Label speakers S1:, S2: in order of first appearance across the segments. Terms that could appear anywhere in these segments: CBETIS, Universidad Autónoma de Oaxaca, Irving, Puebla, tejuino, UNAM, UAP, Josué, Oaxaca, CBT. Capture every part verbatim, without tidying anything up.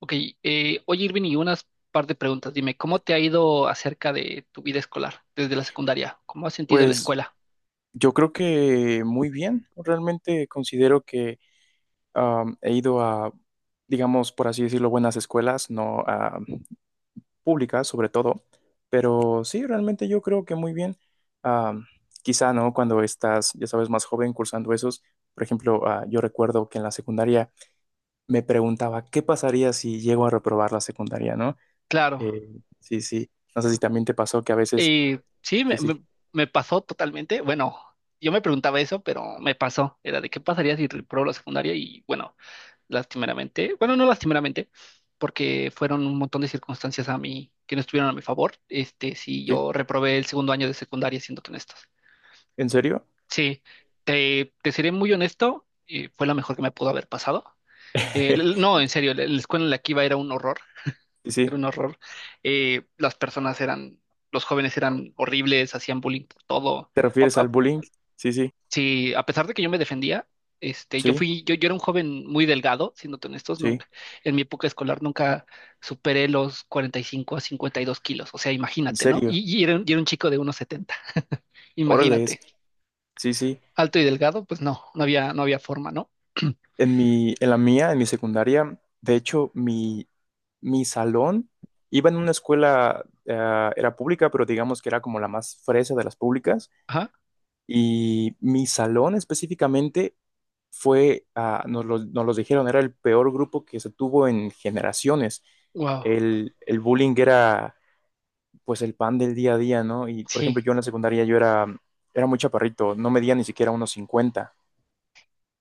S1: Ok, eh, Oye, Irving, y unas par de preguntas. Dime, ¿cómo te ha ido acerca de tu vida escolar desde la secundaria? ¿Cómo has sentido la
S2: Pues
S1: escuela?
S2: yo creo que muy bien. Realmente considero que am, he ido a, digamos, por así decirlo, buenas escuelas, no a públicas sobre todo, pero sí, realmente yo creo que muy bien. Am, Quizá, ¿no? Cuando estás, ya sabes, más joven cursando esos, por ejemplo, ah, yo recuerdo que en la secundaria me preguntaba qué pasaría si llego a reprobar la secundaria, ¿no?
S1: Claro,
S2: Eh, sí, sí. No sé si también te pasó que a veces,
S1: eh, sí, me,
S2: sí, sí,
S1: me- me pasó totalmente. Bueno, yo me preguntaba eso, pero me pasó. Era de qué pasaría si reprobó la secundaria y, bueno, lastimeramente, bueno, no lastimeramente, porque fueron un montón de circunstancias a mí que no estuvieron a mi favor. Este, sí,
S2: sí.
S1: yo reprobé el segundo año de secundaria, siéndote honestos.
S2: ¿En serio?
S1: Sí, te, te seré muy honesto, eh, fue lo mejor que me pudo haber pasado. Eh, l- no, en serio, la, la escuela en la que iba era un horror,
S2: Sí, sí.
S1: era un horror. Eh, las personas eran, los jóvenes eran horribles, hacían bullying por todo.
S2: ¿Te
S1: A-
S2: refieres al
S1: a-
S2: bullying? Sí, sí,
S1: sí, a pesar de que yo me defendía. Este, yo
S2: sí,
S1: fui, yo, yo era un joven muy delgado, siéndote honestos.
S2: sí,
S1: Nunca, en mi época escolar, nunca superé los cuarenta y cinco a cincuenta y dos kilos, o sea,
S2: en
S1: imagínate, ¿no?
S2: serio.
S1: Y, y era, un- y era un chico de uno setenta,
S2: Órale, es.
S1: imagínate.
S2: Sí, sí.
S1: Alto y delgado, pues no, no había, no había forma, ¿no?
S2: En mi, en la mía, En mi secundaria, de hecho, mi, mi salón iba en una escuela, eh, era pública, pero digamos que era como la más fresa de las públicas.
S1: Ajá,
S2: Y mi salón específicamente fue, ah, nos lo, nos los dijeron, era el peor grupo que se tuvo en generaciones.
S1: wow,
S2: El, el bullying era pues el pan del día a día, ¿no? Y por
S1: sí,
S2: ejemplo, yo en la secundaria yo era, era muy chaparrito, no medía ni siquiera unos cincuenta,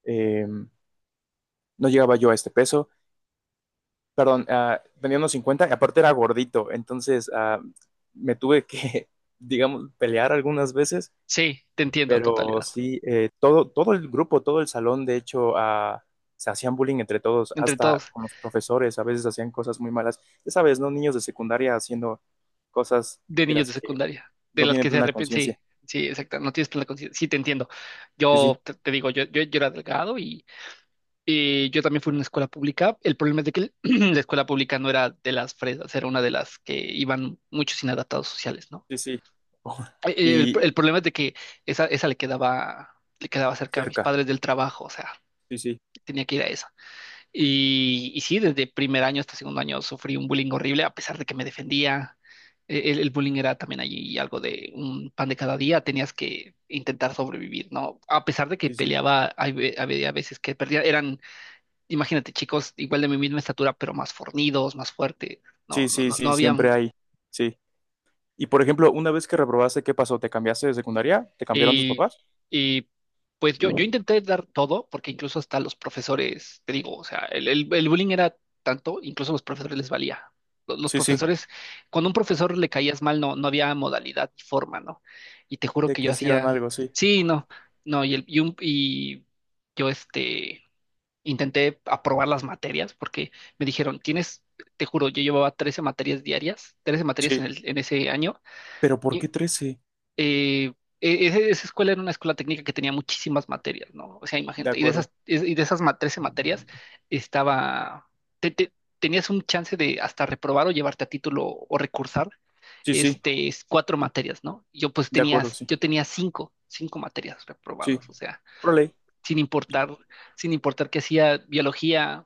S2: eh, no llegaba yo a este peso, perdón, ah, tenía uh, unos cincuenta y aparte era gordito, entonces uh, me tuve que, digamos, pelear algunas veces,
S1: sí, te entiendo a
S2: pero
S1: totalidad,
S2: sí, eh, todo, todo el grupo, todo el salón, de hecho, uh, se hacían bullying entre todos,
S1: entre
S2: hasta
S1: todos.
S2: con los profesores, a veces hacían cosas muy malas, ya sabes, ¿no? Niños de secundaria haciendo cosas
S1: De
S2: de
S1: niños
S2: las
S1: de
S2: que
S1: secundaria, de
S2: no
S1: las
S2: tienen
S1: que se
S2: plena
S1: arrepienten, sí,
S2: conciencia.
S1: sí, exacto, no tienes plena conciencia, sí, te entiendo.
S2: Sí, sí.
S1: Yo te, te digo, yo, yo, yo era delgado y, y yo también fui a una escuela pública. El problema es de que el- la escuela pública no era de las fresas, era una de las que iban muchos inadaptados sociales, ¿no?
S2: Sí, sí. Oh.
S1: Eh, eh, El, el
S2: Y
S1: problema es de que esa, esa le quedaba, le quedaba cerca a mis
S2: cerca,
S1: padres del trabajo, o sea,
S2: sí, sí,
S1: tenía que ir a esa. Y, y sí, desde primer año hasta segundo año sufrí un bullying horrible, a pesar de que me defendía. E- El, el bullying era también allí algo de un pan de cada día, tenías que intentar sobrevivir, ¿no? A pesar de que
S2: sí, sí,
S1: peleaba, hay ve- había veces que perdía. Eran, imagínate, chicos igual de mi misma estatura, pero más fornidos, más fuertes. No,
S2: sí,
S1: no,
S2: sí,
S1: no, no
S2: sí,
S1: había.
S2: siempre hay, sí. Y por ejemplo, una vez que reprobaste, ¿qué pasó? ¿Te cambiaste de secundaria? ¿Te cambiaron tus
S1: Y,
S2: papás?
S1: y pues yo, yo intenté dar todo, porque incluso hasta los profesores, te digo, o sea, el, el- el bullying era tanto, incluso a los profesores les valía. Lo- Los
S2: Sí, sí,
S1: profesores, cuando a un profesor le caías mal, no, no había modalidad ni forma, ¿no? Y te juro
S2: de
S1: que
S2: que
S1: yo
S2: hicieran
S1: hacía,
S2: algo, sí,
S1: sí, no, no, y, el, y, un- y yo, este, intenté aprobar las materias porque me dijeron, tienes, te juro, yo llevaba trece materias diarias, trece materias
S2: sí.
S1: en, el, en ese año.
S2: ¿Pero por qué trece?
S1: Eh, e- ese- esa escuela era una escuela técnica que tenía muchísimas materias, ¿no? O sea,
S2: De
S1: imagínate, y de
S2: acuerdo,
S1: esas, es- y de esas ma- trece materias, estaba, te- te- tenías un chance de hasta reprobar o llevarte a título o recursar,
S2: sí, sí,
S1: este, es cuatro materias, ¿no? Yo, pues,
S2: de acuerdo,
S1: tenías,
S2: sí,
S1: yo tenía cinco, cinco materias
S2: sí.
S1: reprobadas, o sea,
S2: Órale,
S1: sin importar, sin importar, que hacía biología.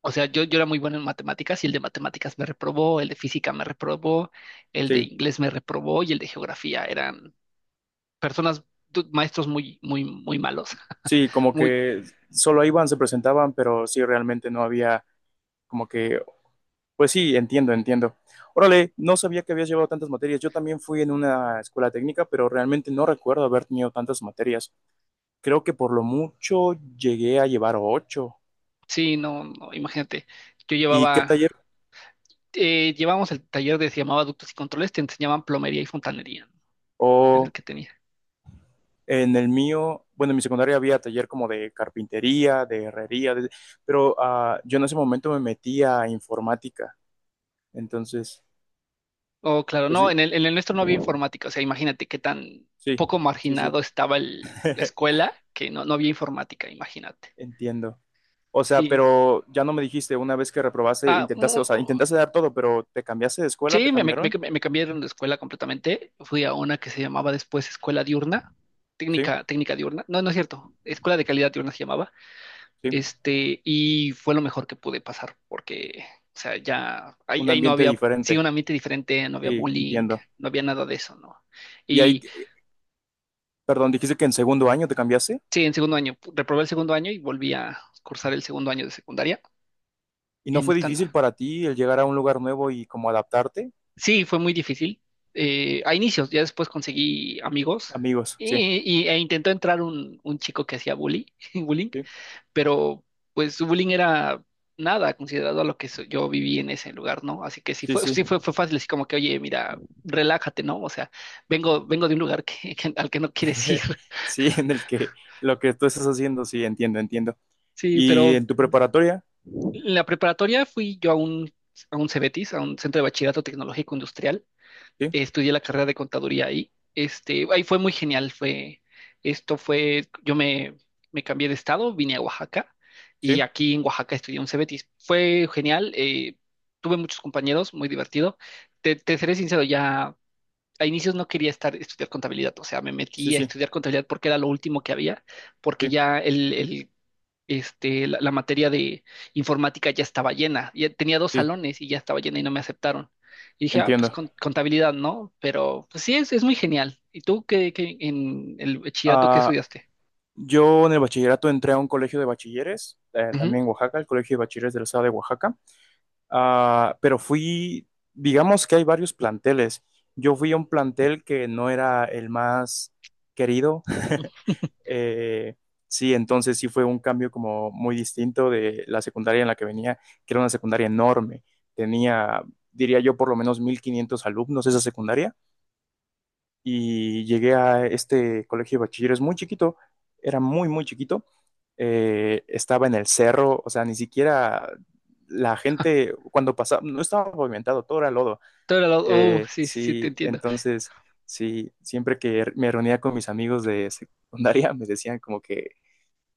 S1: O sea, yo, yo era muy bueno en matemáticas y el de matemáticas me reprobó, el de física me reprobó, el de
S2: sí,
S1: inglés me reprobó y el de geografía personas. Tu- maestros muy, muy, muy malos.
S2: sí, como
S1: Muy,
S2: que solo iban, se presentaban, pero sí, realmente no había como que. Pues sí, entiendo, entiendo. Órale, no sabía que habías llevado tantas materias. Yo también fui en una escuela técnica, pero realmente no recuerdo haber tenido tantas materias. Creo que por lo mucho llegué a llevar ocho.
S1: sí, no, no, imagínate. Yo
S2: ¿Y qué
S1: llevaba,
S2: taller?
S1: eh, Llevábamos el taller, de se llamaba ductos y controles, te enseñaban plomería y fontanería, ¿no? Era el
S2: O
S1: que tenía.
S2: en el mío, bueno, en mi secundaria había taller como de carpintería, de herrería, de- pero ah, yo en ese momento me metí a informática. Entonces,
S1: Oh, claro,
S2: pues
S1: no,
S2: sí,
S1: en el, en el nuestro no había informática, o sea, imagínate qué tan
S2: sí,
S1: poco
S2: sí, sí.
S1: marginado estaba el- la escuela, que no, no había informática, imagínate.
S2: Entiendo. O sea,
S1: Sí.
S2: pero ya no me dijiste, una vez que reprobaste,
S1: Ah,
S2: intentaste, o
S1: mu-
S2: sea, intentaste dar todo, pero ¿te cambiaste de escuela? ¿Te
S1: sí, me, me,
S2: cambiaron?
S1: me- me cambiaron de escuela completamente. Fui a una que se llamaba después Escuela Diurna,
S2: Sí,
S1: técnica, técnica diurna. No, no es cierto. Escuela de Calidad Diurna se llamaba.
S2: sí.
S1: Este, y fue lo mejor que pude pasar, porque, o sea, ya ahí,
S2: Un
S1: ahí no
S2: ambiente
S1: había, sí,
S2: diferente.
S1: un ambiente diferente, no había
S2: Sí,
S1: bullying,
S2: entiendo.
S1: no había nada de eso, ¿no?
S2: Y ahí,
S1: Y
S2: perdón, dijiste que en segundo año te cambiaste.
S1: sí, en segundo año, pu- reprobé el segundo año y volví a cursar el segundo año de secundaria.
S2: ¿Y no
S1: En
S2: fue
S1: esta,
S2: difícil para ti el llegar a un lugar nuevo y como adaptarte?
S1: sí, fue muy difícil. Eh, a inicios, ya después conseguí amigos,
S2: Amigos, sí,
S1: y, y- e intentó entrar un, un chico que hacía bully, bullying.
S2: sí,
S1: Pero pues su bullying era nada considerado a lo que so- yo viví en ese lugar, ¿no? Así que sí
S2: sí,
S1: fue,
S2: sí.
S1: sí fue, fue fácil, así como que, oye, mira, relájate, ¿no? O sea, vengo, vengo de un lugar que, que- al que no quieres ir.
S2: Sí, en el que lo que tú estás haciendo, sí, entiendo, entiendo.
S1: Sí,
S2: ¿Y
S1: pero
S2: en tu preparatoria?
S1: en la preparatoria fui yo a un, a un CBETIS, a un centro de bachillerato tecnológico industrial,
S2: Sí,
S1: estudié la carrera de contaduría ahí. Este, ahí fue muy genial. Fue, esto fue, yo me, me cambié de estado, vine a Oaxaca y
S2: sí,
S1: aquí en Oaxaca estudié un C B T. Fue genial, eh, tuve muchos compañeros, muy divertido. Te, te seré sincero, ya a inicios no quería estar, estudiar contabilidad, o sea, me
S2: sí,
S1: metí a
S2: sí,
S1: estudiar contabilidad porque era lo último que había, porque
S2: sí,
S1: ya el, el este, la, la materia de informática ya estaba llena. Ya tenía dos
S2: sí,
S1: salones y ya estaba llena y no me aceptaron. Y dije, ah, pues
S2: entiendo.
S1: con- contabilidad, ¿no? Pero pues sí, es, es muy genial. ¿Y tú qué, qué- en el bachillerato qué
S2: Ah,
S1: estudiaste?
S2: Yo en el bachillerato entré a un colegio de bachilleres, eh,
S1: Ujú.
S2: también en Oaxaca, el colegio de bachilleres del estado de Oaxaca. Ah, pero fui, digamos que hay varios planteles. Yo fui a un plantel que no era el más querido. Eh, sí, entonces sí fue un cambio como muy distinto de la secundaria en la que venía, que era una secundaria enorme. Tenía, diría yo, por lo menos mil quinientos alumnos esa secundaria y llegué a este colegio de bachilleros muy chiquito, era muy, muy chiquito, eh, estaba en el cerro, o sea, ni siquiera la gente cuando pasaba, no estaba pavimentado, todo era lodo.
S1: Todo era lo- oh,
S2: Eh,
S1: sí, sí, sí, te
S2: sí,
S1: entiendo.
S2: entonces, sí, siempre que er, me reunía con mis amigos de secundaria, me decían como que,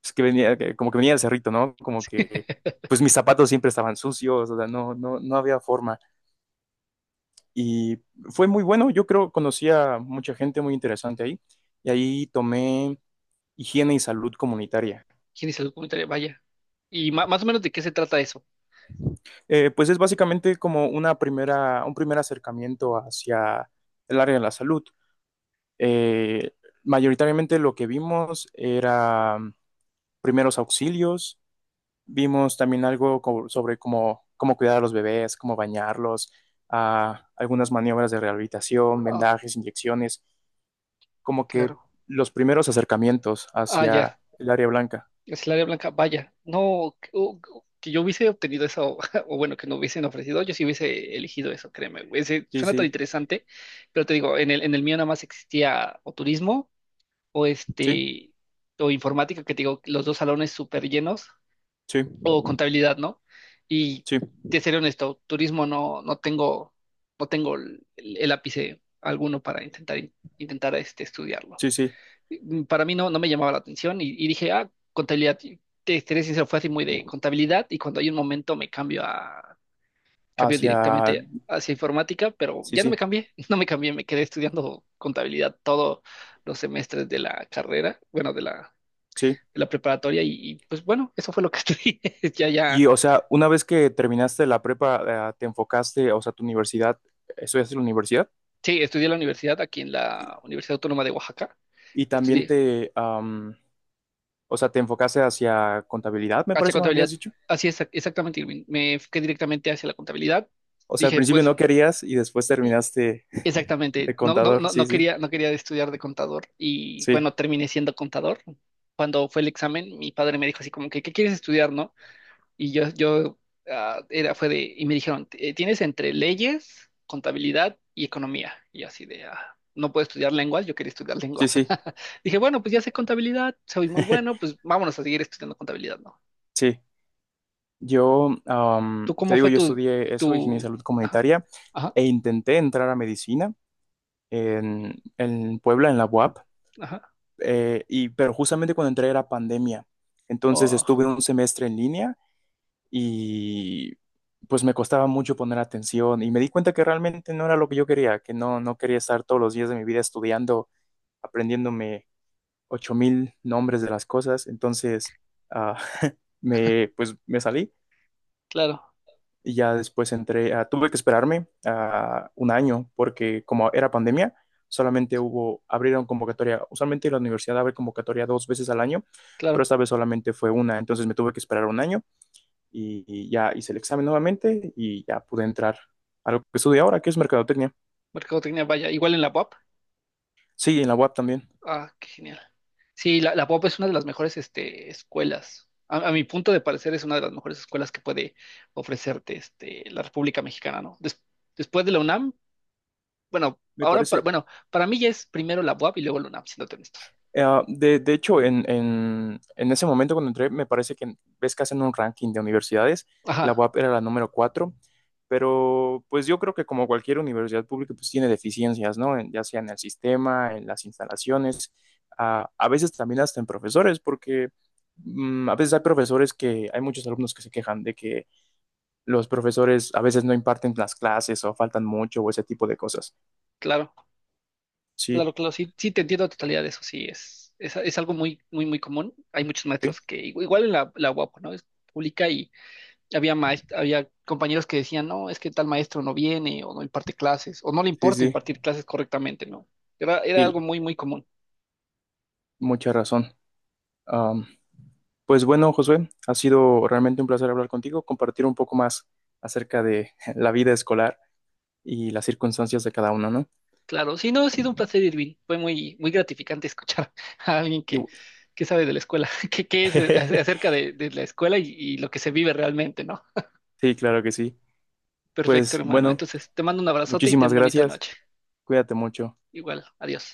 S2: pues, que venía, que- como que venía del cerrito, ¿no? Como que, pues mis zapatos siempre estaban sucios, o sea, no, no, no había forma. Y fue muy bueno, yo creo, conocí a mucha gente muy interesante ahí y ahí tomé higiene y salud comunitaria.
S1: ¿Quién hizo el comentario? Vaya. ¿Y ma- más o menos de qué se trata eso?
S2: Eh, pues es básicamente como una primera, un primer acercamiento hacia el área de la salud. Eh, Mayoritariamente lo que vimos era primeros auxilios, vimos también algo co- sobre cómo, cómo, cuidar a los bebés, cómo bañarlos, ah, algunas maniobras de rehabilitación,
S1: Ah,
S2: vendajes, inyecciones, como que
S1: claro.
S2: los primeros acercamientos
S1: Ah, ya.
S2: hacia el área blanca.
S1: Es el área blanca. Vaya. No, que, o- o- que yo hubiese obtenido eso, o, bueno, que no hubiesen ofrecido, yo sí hubiese elegido eso, créeme, güey. Ese-
S2: Sí,
S1: suena tan
S2: sí,
S1: interesante, pero te digo, en el, en el mío nada más existía o turismo, o
S2: sí,
S1: este, o informática, que te digo, los dos salones súper llenos,
S2: sí,
S1: o contabilidad, ¿no? Y
S2: sí,
S1: te seré honesto, turismo no, no tengo, no tengo el, el ápice alguno para intentar, intentar este, estudiarlo.
S2: sí, sí,
S1: Mm, para mí no, no me llamaba la atención, y, y dije, ah, contabilidad. Y te seré sincero, fue así muy de contabilidad, y cuando hay un momento me cambio a, cambio
S2: hacia,
S1: directamente hacia informática, pero
S2: sí,
S1: ya no me
S2: sí,
S1: cambié, no me cambié, me quedé estudiando contabilidad todos los semestres de la carrera, bueno, de la,
S2: sí.
S1: de la preparatoria. Y, y, pues bueno, eso fue lo que estudié. Ya, ya,
S2: Y, o sea, una vez que terminaste la prepa, eh, te enfocaste, o sea, tu universidad, estudiaste en la universidad
S1: sí, estudié en la universidad, aquí en
S2: y,
S1: la Universidad Autónoma de Oaxaca,
S2: y también
S1: estudié
S2: te, am, o sea, te enfocaste hacia contabilidad, me
S1: hacia
S2: parece que me habías
S1: contabilidad,
S2: dicho.
S1: así es, exactamente, Irving, me fui directamente hacia la contabilidad,
S2: O sea, al
S1: dije,
S2: principio
S1: pues...
S2: no querías y después
S1: y,
S2: terminaste
S1: Exactamente,
S2: de
S1: no, no,
S2: contador.
S1: no,
S2: Sí,
S1: no
S2: sí,
S1: quería, no quería estudiar de contador y,
S2: sí,
S1: bueno, terminé siendo contador. Cuando fue el examen, mi padre me dijo así como que, ¿qué quieres estudiar, no? Y yo, yo, ah, era, fue de, y me dijeron, "Eh, tienes entre leyes, contabilidad y economía". Y yo así de, "Ah, no puedo estudiar lenguas, yo quería estudiar lenguas".
S2: sí, sí,
S1: Dije, bueno, pues ya sé contabilidad, soy muy bueno, pues vámonos a seguir estudiando contabilidad, ¿no?
S2: sí. Yo, am,
S1: ¿Tú
S2: te
S1: cómo
S2: digo,
S1: fue
S2: yo
S1: tu,
S2: estudié eso, ingeniería de
S1: tu,
S2: salud
S1: ajá,
S2: comunitaria,
S1: ajá,
S2: e intenté entrar a medicina en, en Puebla, en la U A P,
S1: ajá,
S2: eh, y, pero justamente cuando entré era pandemia. Entonces
S1: oh,
S2: estuve un semestre en línea y pues me costaba mucho poner atención y me di cuenta que realmente no era lo que yo quería, que no, no quería estar todos los días de mi vida estudiando, aprendiéndome ocho mil nombres de las cosas. Entonces, ah, me, pues, me salí.
S1: claro,
S2: Y ya después entré, ah, tuve que esperarme ah, un año porque como era pandemia, solamente hubo, abrieron convocatoria, usualmente la universidad abre convocatoria dos veces al año, pero
S1: claro,
S2: esta vez solamente fue una, entonces me tuve que esperar un año y, y, ya hice el examen nuevamente y ya pude entrar a lo que estudio ahora, que es mercadotecnia.
S1: mercadotecnia, vaya, igual en la U A P?
S2: Sí, en la U A P también.
S1: Ah, qué genial. Sí, la, la P O P es una de las mejores, este, escuelas. A, a mi punto de parecer, es una de las mejores escuelas que puede ofrecerte, este, la República Mexicana, ¿no? Des- después de la UNAM, bueno,
S2: Me
S1: ahora, para,
S2: parece.
S1: bueno, para mí ya es primero la U A P y luego la UNAM, siéndote honestos.
S2: Eh, de, de hecho, en, en, en ese momento cuando entré, me parece que ves que hacen un ranking de universidades, la
S1: Ajá,
S2: U A P era la número cuatro, pero pues yo creo que como cualquier universidad pública, pues tiene deficiencias, ¿no? En- ya sea en el sistema, en las instalaciones, a, a veces también hasta en profesores, porque mm, a veces hay profesores que, hay muchos alumnos que se quejan de que los profesores a veces no imparten las clases o faltan mucho o ese tipo de cosas.
S1: claro,
S2: Sí,
S1: claro, claro, sí, sí, te entiendo a totalidad de eso, sí, es, es, es algo muy, muy, muy común. Hay muchos
S2: sí,
S1: maestros que, igu- igual en la, la U A P, ¿no? Es pública. Había, maes- había compañeros que decían, no, es que tal maestro no viene o no imparte clases o no le
S2: sí,
S1: importa
S2: sí,
S1: impartir clases correctamente, ¿no? Era, era algo
S2: sí,
S1: muy, muy común.
S2: mucha razón. Am, Pues bueno, Josué, ha sido realmente un placer hablar contigo, compartir un poco más acerca de la vida escolar y las circunstancias de cada uno, ¿no?
S1: Claro, sí, no, ha sido un placer, Irving. Fue muy, muy gratificante escuchar a alguien
S2: Y-
S1: que, que sabe de la escuela, que, que es eh, acerca de, de la escuela y, y lo que se vive realmente, ¿no?
S2: Sí, claro que sí.
S1: Perfecto,
S2: Pues
S1: hermano.
S2: bueno,
S1: Entonces, te mando un abrazote y
S2: muchísimas
S1: ten bonita
S2: gracias.
S1: noche.
S2: Cuídate mucho.
S1: Igual, adiós.